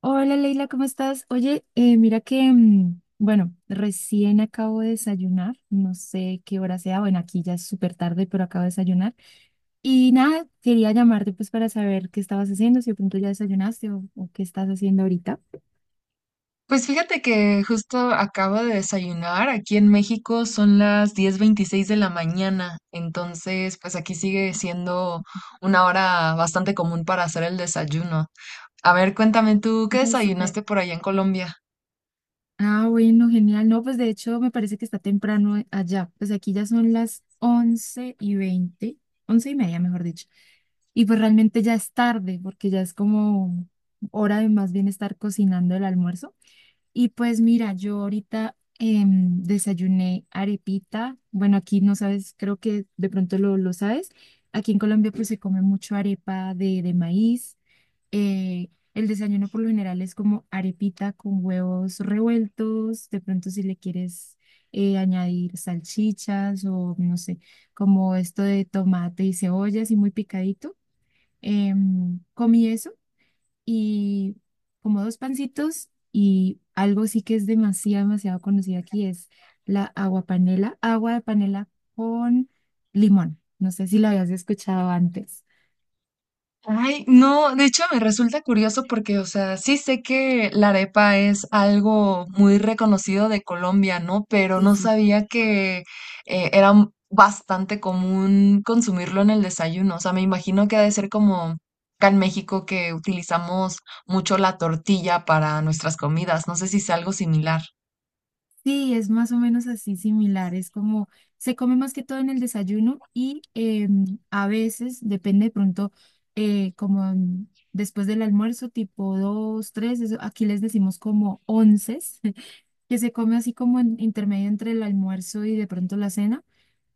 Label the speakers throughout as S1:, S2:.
S1: Hola Leila, ¿cómo estás? Oye, mira que, bueno, recién acabo de desayunar, no sé qué hora sea, bueno, aquí ya es súper tarde, pero acabo de desayunar. Y nada, quería llamarte pues para saber qué estabas haciendo, si de pronto ya desayunaste o qué estás haciendo ahorita.
S2: Pues fíjate que justo acabo de desayunar. Aquí en México son las 10:26 de la mañana, entonces pues aquí sigue siendo una hora bastante común para hacer el desayuno. A ver, cuéntame tú, ¿qué
S1: Súper.
S2: desayunaste por allá en Colombia?
S1: Ah, bueno, genial. No, pues de hecho me parece que está temprano allá. Pues aquí ya son las 11:20, 11:30, mejor dicho. Y pues realmente ya es tarde porque ya es como hora de más bien estar cocinando el almuerzo. Y pues mira, yo ahorita desayuné arepita. Bueno, aquí no sabes, creo que de pronto lo sabes. Aquí en Colombia pues se come mucho arepa de maíz. El desayuno por lo general es como arepita con huevos revueltos, de pronto si le quieres añadir salchichas o no sé, como esto de tomate y cebolla así muy picadito. Comí eso y como dos pancitos, y algo sí que es demasiado, demasiado conocido aquí es la agua panela, agua de panela con limón. No sé si lo habías escuchado antes.
S2: Ay, no, de hecho me resulta curioso porque, o sea, sí sé que la arepa es algo muy reconocido de Colombia, ¿no? Pero
S1: Sí,
S2: no
S1: sí.
S2: sabía que era bastante común consumirlo en el desayuno. O sea, me imagino que ha de ser como acá en México que utilizamos mucho la tortilla para nuestras comidas. No sé si es algo similar.
S1: Sí, es más o menos así similar. Es como se come más que todo en el desayuno y, a veces, depende de pronto, como después del almuerzo, tipo dos, tres, aquí les decimos como onces, que se come así como en intermedio entre el almuerzo y de pronto la cena.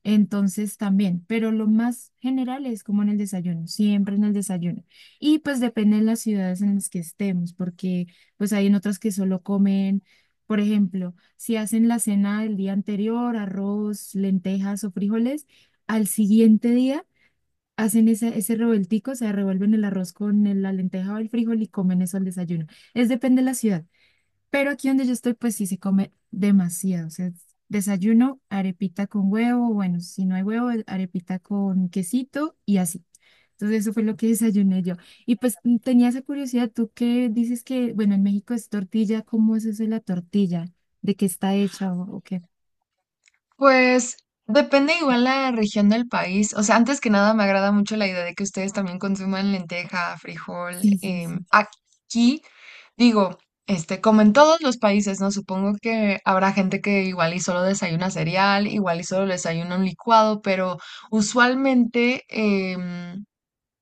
S1: Entonces también, pero lo más general es como en el desayuno, siempre en el desayuno. Y pues depende de las ciudades en las que estemos, porque pues hay en otras que solo comen, por ejemplo, si hacen la cena del día anterior, arroz, lentejas o frijoles, al siguiente día hacen ese revueltico, o sea, revuelven el arroz con la lenteja o el frijol y comen eso al desayuno. Es depende de la ciudad. Pero aquí donde yo estoy, pues sí se come demasiado. O sea, desayuno, arepita con huevo, bueno, si no hay huevo, arepita con quesito y así. Entonces eso fue lo que desayuné yo. Y pues tenía esa curiosidad, tú que dices que, bueno, en México es tortilla, ¿cómo es eso de la tortilla? ¿De qué está hecha o qué?
S2: Pues depende igual la región del país. O sea, antes que nada me agrada mucho la idea de que ustedes también consuman lenteja, frijol.
S1: Sí, sí, sí.
S2: Aquí, digo, este, como en todos los países, ¿no? Supongo que habrá gente que igual y solo desayuna cereal, igual y solo desayuna un licuado, pero usualmente,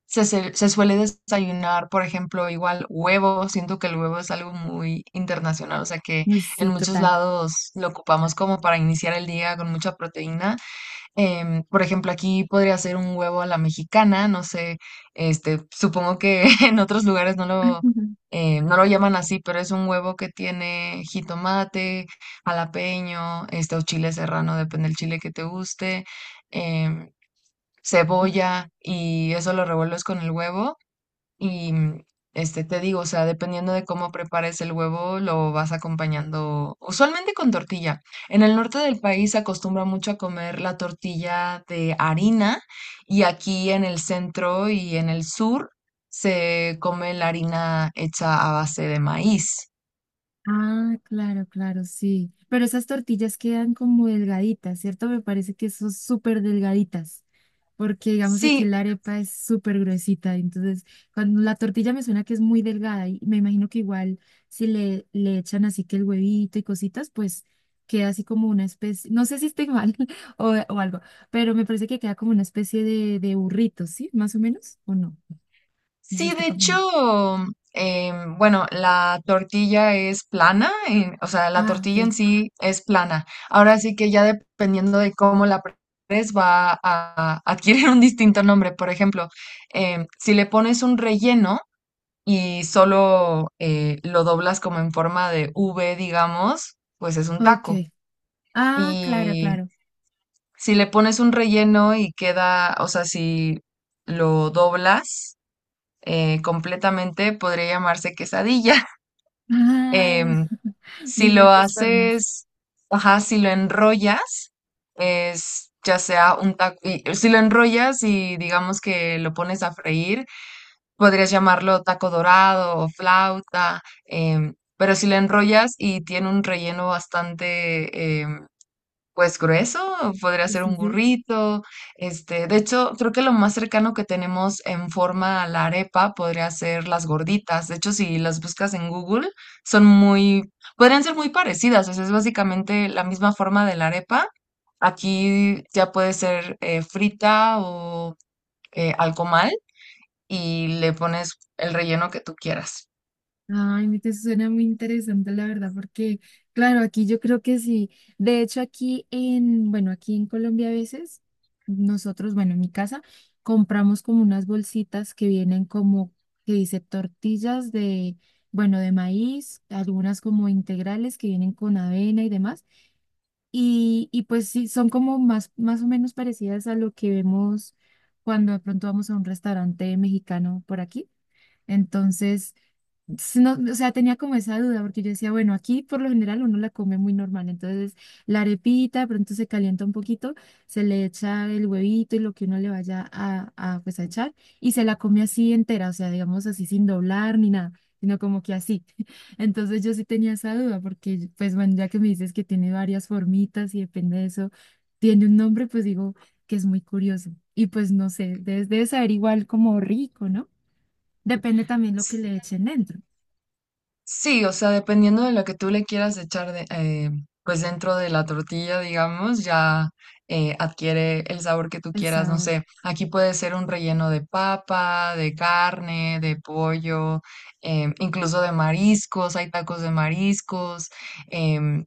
S2: se suele desayunar, por ejemplo, igual huevo. Siento que el huevo es algo muy internacional, o sea que
S1: Uy,
S2: en
S1: sí,
S2: muchos
S1: total.
S2: lados lo ocupamos como para iniciar el día con mucha proteína. Por ejemplo, aquí podría ser un huevo a la mexicana, no sé, este, supongo que en otros lugares no lo, eh, no lo llaman así, pero es un huevo que tiene jitomate, jalapeño, este, o chile serrano, depende del chile que te guste. em, Cebolla y eso lo revuelves con el huevo y este, te digo, o sea, dependiendo de cómo prepares el huevo, lo vas acompañando usualmente con tortilla. En el norte del país se acostumbra mucho a comer la tortilla de harina y aquí en el centro y en el sur se come la harina hecha a base de maíz.
S1: Ah, claro, claro, sí. Pero esas tortillas quedan como delgaditas, ¿cierto? Me parece que son súper delgaditas, porque digamos aquí
S2: Sí,
S1: la arepa es súper gruesita, entonces cuando la tortilla me suena que es muy delgada y me imagino que igual si le echan así que el huevito y cositas, pues queda así como una especie, no sé si estoy mal o algo, pero me parece que queda como una especie de burrito, ¿sí? Más o menos, ¿o no? No sé si
S2: sí,
S1: estoy
S2: de hecho,
S1: confundiendo.
S2: bueno, la tortilla es plana, o sea, la
S1: Ah,
S2: tortilla en
S1: ok,
S2: sí es plana. Ahora sí que ya dependiendo de cómo la prepares va a adquirir un distinto nombre. Por ejemplo, si le pones un relleno y solo lo doblas como en forma de V, digamos, pues es un taco.
S1: ok. Ah, claro,
S2: Y
S1: claro.
S2: si le pones un relleno y queda, o sea, si lo doblas completamente, podría llamarse quesadilla.
S1: Ah,
S2: Em,
S1: de
S2: si lo
S1: diferentes formas.
S2: haces, ajá, si lo enrollas, es ya sea un taco, si lo enrollas y digamos que lo pones a freír, podrías llamarlo taco dorado o flauta, pero si lo enrollas y tiene un relleno bastante pues grueso, podría
S1: Sí,
S2: ser
S1: sí,
S2: un
S1: sí.
S2: burrito. Este, de hecho, creo que lo más cercano que tenemos en forma a la arepa podría ser las gorditas. De hecho, si las buscas en Google, son muy, podrían ser muy parecidas. O sea, es básicamente la misma forma de la arepa. Aquí ya puede ser frita o al comal y le pones el relleno que tú quieras.
S1: Ay, me te suena muy interesante, la verdad, porque, claro, aquí yo creo que sí. De hecho, aquí en, bueno, aquí en Colombia a veces, nosotros, bueno, en mi casa, compramos como unas bolsitas que vienen como, que dice tortillas de, bueno, de maíz, algunas como integrales que vienen con avena y demás. Y pues sí, son como más o menos parecidas a lo que vemos cuando de pronto vamos a un restaurante mexicano por aquí. Entonces, no, o sea, tenía como esa duda, porque yo decía, bueno, aquí por lo general uno la come muy normal, entonces la arepita, de pronto se calienta un poquito, se le echa el huevito y lo que uno le vaya pues, a echar, y se la come así entera, o sea, digamos así sin doblar ni nada, sino como que así. Entonces yo sí tenía esa duda, porque pues bueno, ya que me dices que tiene varias formitas y depende de eso, tiene un nombre, pues digo que es muy curioso, y pues no sé, debe saber igual como rico, ¿no? Depende también lo que le echen dentro.
S2: Sí, o sea, dependiendo de lo que tú le quieras echar de, pues dentro de la tortilla, digamos, ya adquiere el sabor que tú
S1: El
S2: quieras. No
S1: sabor.
S2: sé, aquí puede ser un relleno de papa, de carne, de pollo, incluso de mariscos. Hay tacos de mariscos. em,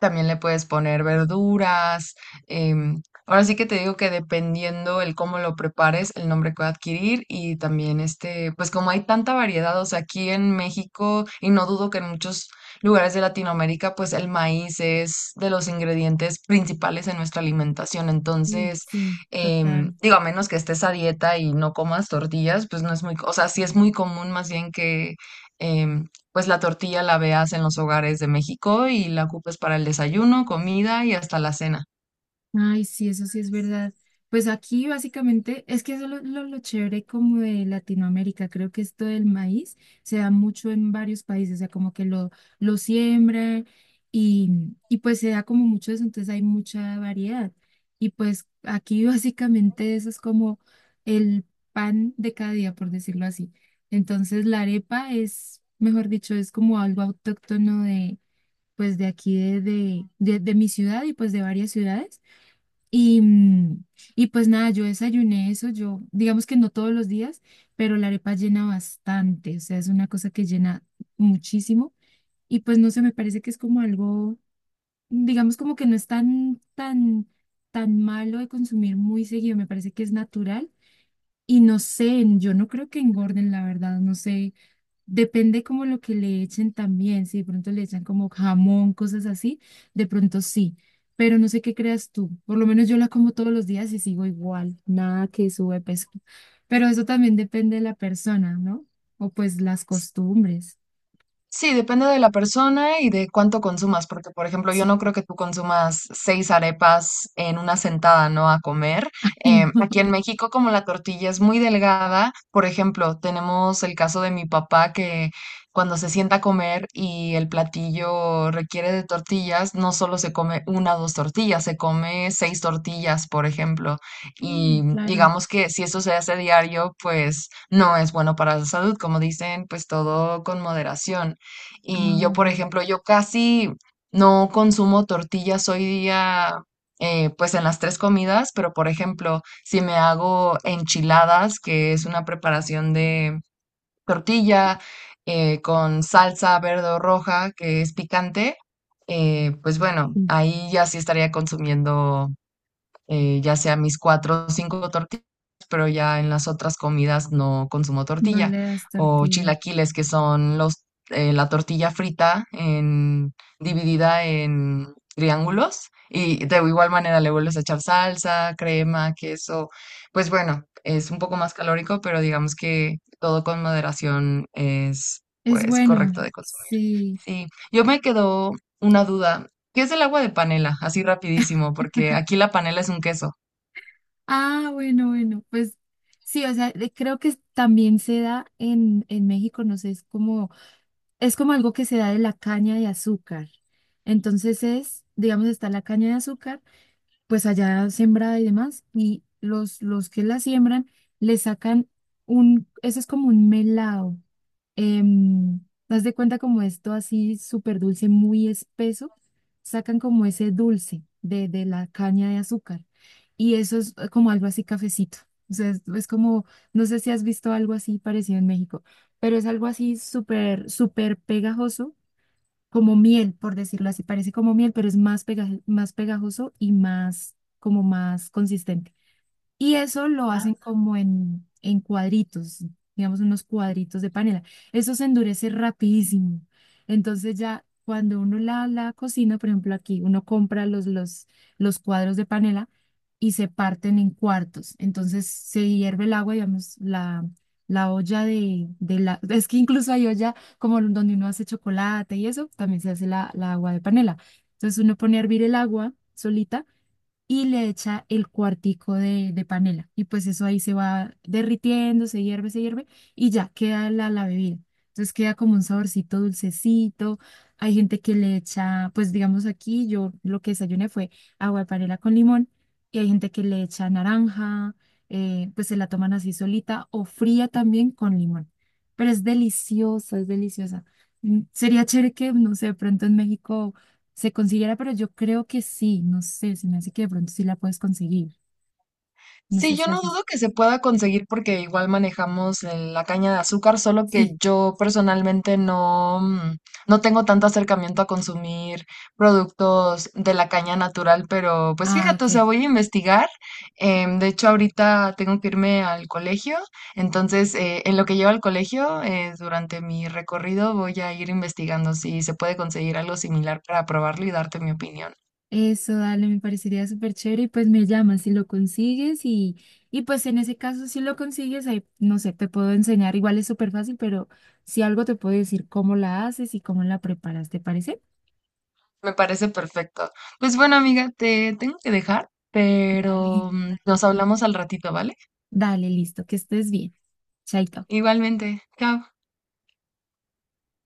S2: También le puedes poner verduras. Ahora sí que te digo que dependiendo el cómo lo prepares, el nombre que va a adquirir y también este, pues como hay tanta variedad, o sea, aquí en México y no dudo que en muchos lugares de Latinoamérica, pues el maíz es de los ingredientes principales en nuestra alimentación.
S1: Mm,
S2: Entonces,
S1: sí, total.
S2: digo, a menos que estés a dieta y no comas tortillas, pues no es muy, o sea, sí es muy común más bien que... em, pues la tortilla la veas en los hogares de México y la ocupes para el desayuno, comida y hasta la cena.
S1: Ay, sí, eso sí es verdad. Pues aquí básicamente es que eso es lo chévere como de Latinoamérica. Creo que esto del maíz se da mucho en varios países, o sea, como que lo siembra, y, y pues se da como mucho eso, entonces hay mucha variedad. Y pues aquí básicamente eso es como el pan de cada día, por decirlo así. Entonces la arepa es, mejor dicho, es como algo autóctono pues de aquí de mi ciudad y pues de varias ciudades. Y, y pues nada, yo desayuné eso, yo digamos que no todos los días, pero la arepa llena bastante, o sea, es una cosa que llena muchísimo. Y pues no sé, me parece que es como algo, digamos como que no es tan, tan, tan malo de consumir muy seguido, me parece que es natural. Y no sé, yo no creo que engorden, la verdad, no sé. Depende como lo que le echen también, si de pronto le echan como jamón, cosas así, de pronto sí, pero no sé qué creas tú, por lo menos yo la como todos los días y sigo igual, nada que sube peso, pero eso también depende de la persona, ¿no? O pues las costumbres.
S2: Sí, depende de la persona y de cuánto consumas, porque por ejemplo, yo no
S1: Sí.
S2: creo que tú consumas seis arepas en una sentada, ¿no? A comer.
S1: Ay, no.
S2: Aquí en México, como la tortilla es muy delgada, por ejemplo, tenemos el caso de mi papá que cuando se sienta a comer y el platillo requiere de tortillas, no solo se come una o dos tortillas, se come seis tortillas, por ejemplo.
S1: Mm,
S2: Y
S1: claro,
S2: digamos que si eso se hace diario, pues no es bueno para la salud, como dicen, pues todo con moderación. Y yo,
S1: no,
S2: por
S1: ya.
S2: ejemplo, yo casi no consumo tortillas hoy día, pues en las tres comidas, pero por ejemplo, si me hago enchiladas, que es una preparación de tortilla con salsa verde o roja, que es picante, pues bueno,
S1: Mm.
S2: ahí ya sí estaría consumiendo ya sea mis cuatro o cinco tortillas, pero ya en las otras comidas no consumo
S1: No
S2: tortilla.
S1: le das
S2: O
S1: tortilla.
S2: chilaquiles, que son los, la tortilla frita en, dividida en triángulos. Y de igual manera le vuelves a echar salsa, crema, queso. Pues bueno, es un poco más calórico, pero digamos que todo con moderación es
S1: Es
S2: pues
S1: bueno,
S2: correcto de consumir.
S1: sí.
S2: Sí, yo me quedó una duda. ¿Qué es el agua de panela? Así rapidísimo, porque aquí la panela es un queso.
S1: Ah, bueno, bueno, pues sí, o sea, creo que también se da en México, no sé, es como algo que se da de la caña de azúcar. Entonces es, digamos, está la caña de azúcar pues allá sembrada y demás, y los que la siembran le sacan un, eso es como un melado, em, haz de cuenta como esto así súper dulce, muy espeso, sacan como ese dulce de la caña de azúcar, y eso es, como algo así cafecito, o sea, es como, no sé si has visto algo así parecido en México, pero es algo así súper, súper pegajoso como miel, por decirlo así, parece como miel, pero es más pegajoso y más, como más consistente. Y eso lo hacen como en cuadritos, digamos unos cuadritos de panela. Eso se endurece rapidísimo. Entonces ya cuando uno la cocina, por ejemplo aquí, uno compra los cuadros de panela y se parten en cuartos. Entonces se hierve el agua, digamos, la olla de la... Es que incluso hay olla como donde uno hace chocolate y eso, también se hace la agua de panela. Entonces uno pone a hervir el agua solita y le echa el cuartico de panela. Y pues eso ahí se va derritiendo, se hierve y ya queda la bebida. Entonces queda como un saborcito dulcecito. Hay gente que le echa, pues digamos aquí, yo lo que desayuné fue agua de panela con limón y hay gente que le echa naranja, pues se la toman así solita o fría también con limón. Pero es deliciosa, es deliciosa. Mm, sería chévere que, no sé, de pronto en México se consiguiera, pero yo creo que sí, no sé, se me hace que de pronto sí la puedes conseguir, no sé
S2: Sí, yo
S1: si
S2: no
S1: haces.
S2: dudo que se pueda conseguir porque igual manejamos la caña de azúcar, solo que
S1: Sí,
S2: yo personalmente no, mm, no tengo tanto acercamiento a consumir productos de la caña natural, pero pues
S1: ah,
S2: fíjate,
S1: ok.
S2: o sea, voy a investigar. De hecho, ahorita tengo que irme al colegio, entonces en lo que llevo al colegio, durante mi recorrido voy a ir investigando si se puede conseguir algo similar para probarlo y darte mi opinión.
S1: Eso, dale, me parecería súper chévere y pues me llamas si lo consigues y pues en ese caso si lo consigues, ahí, no sé, te puedo enseñar, igual es súper fácil, pero si algo te puedo decir cómo la haces y cómo la preparas, ¿te parece?
S2: Me parece perfecto. Pues bueno, amiga, te tengo que dejar,
S1: Dale,
S2: pero nos hablamos al ratito, ¿vale?
S1: dale, listo, que estés bien. Chaito.
S2: Igualmente. Chao.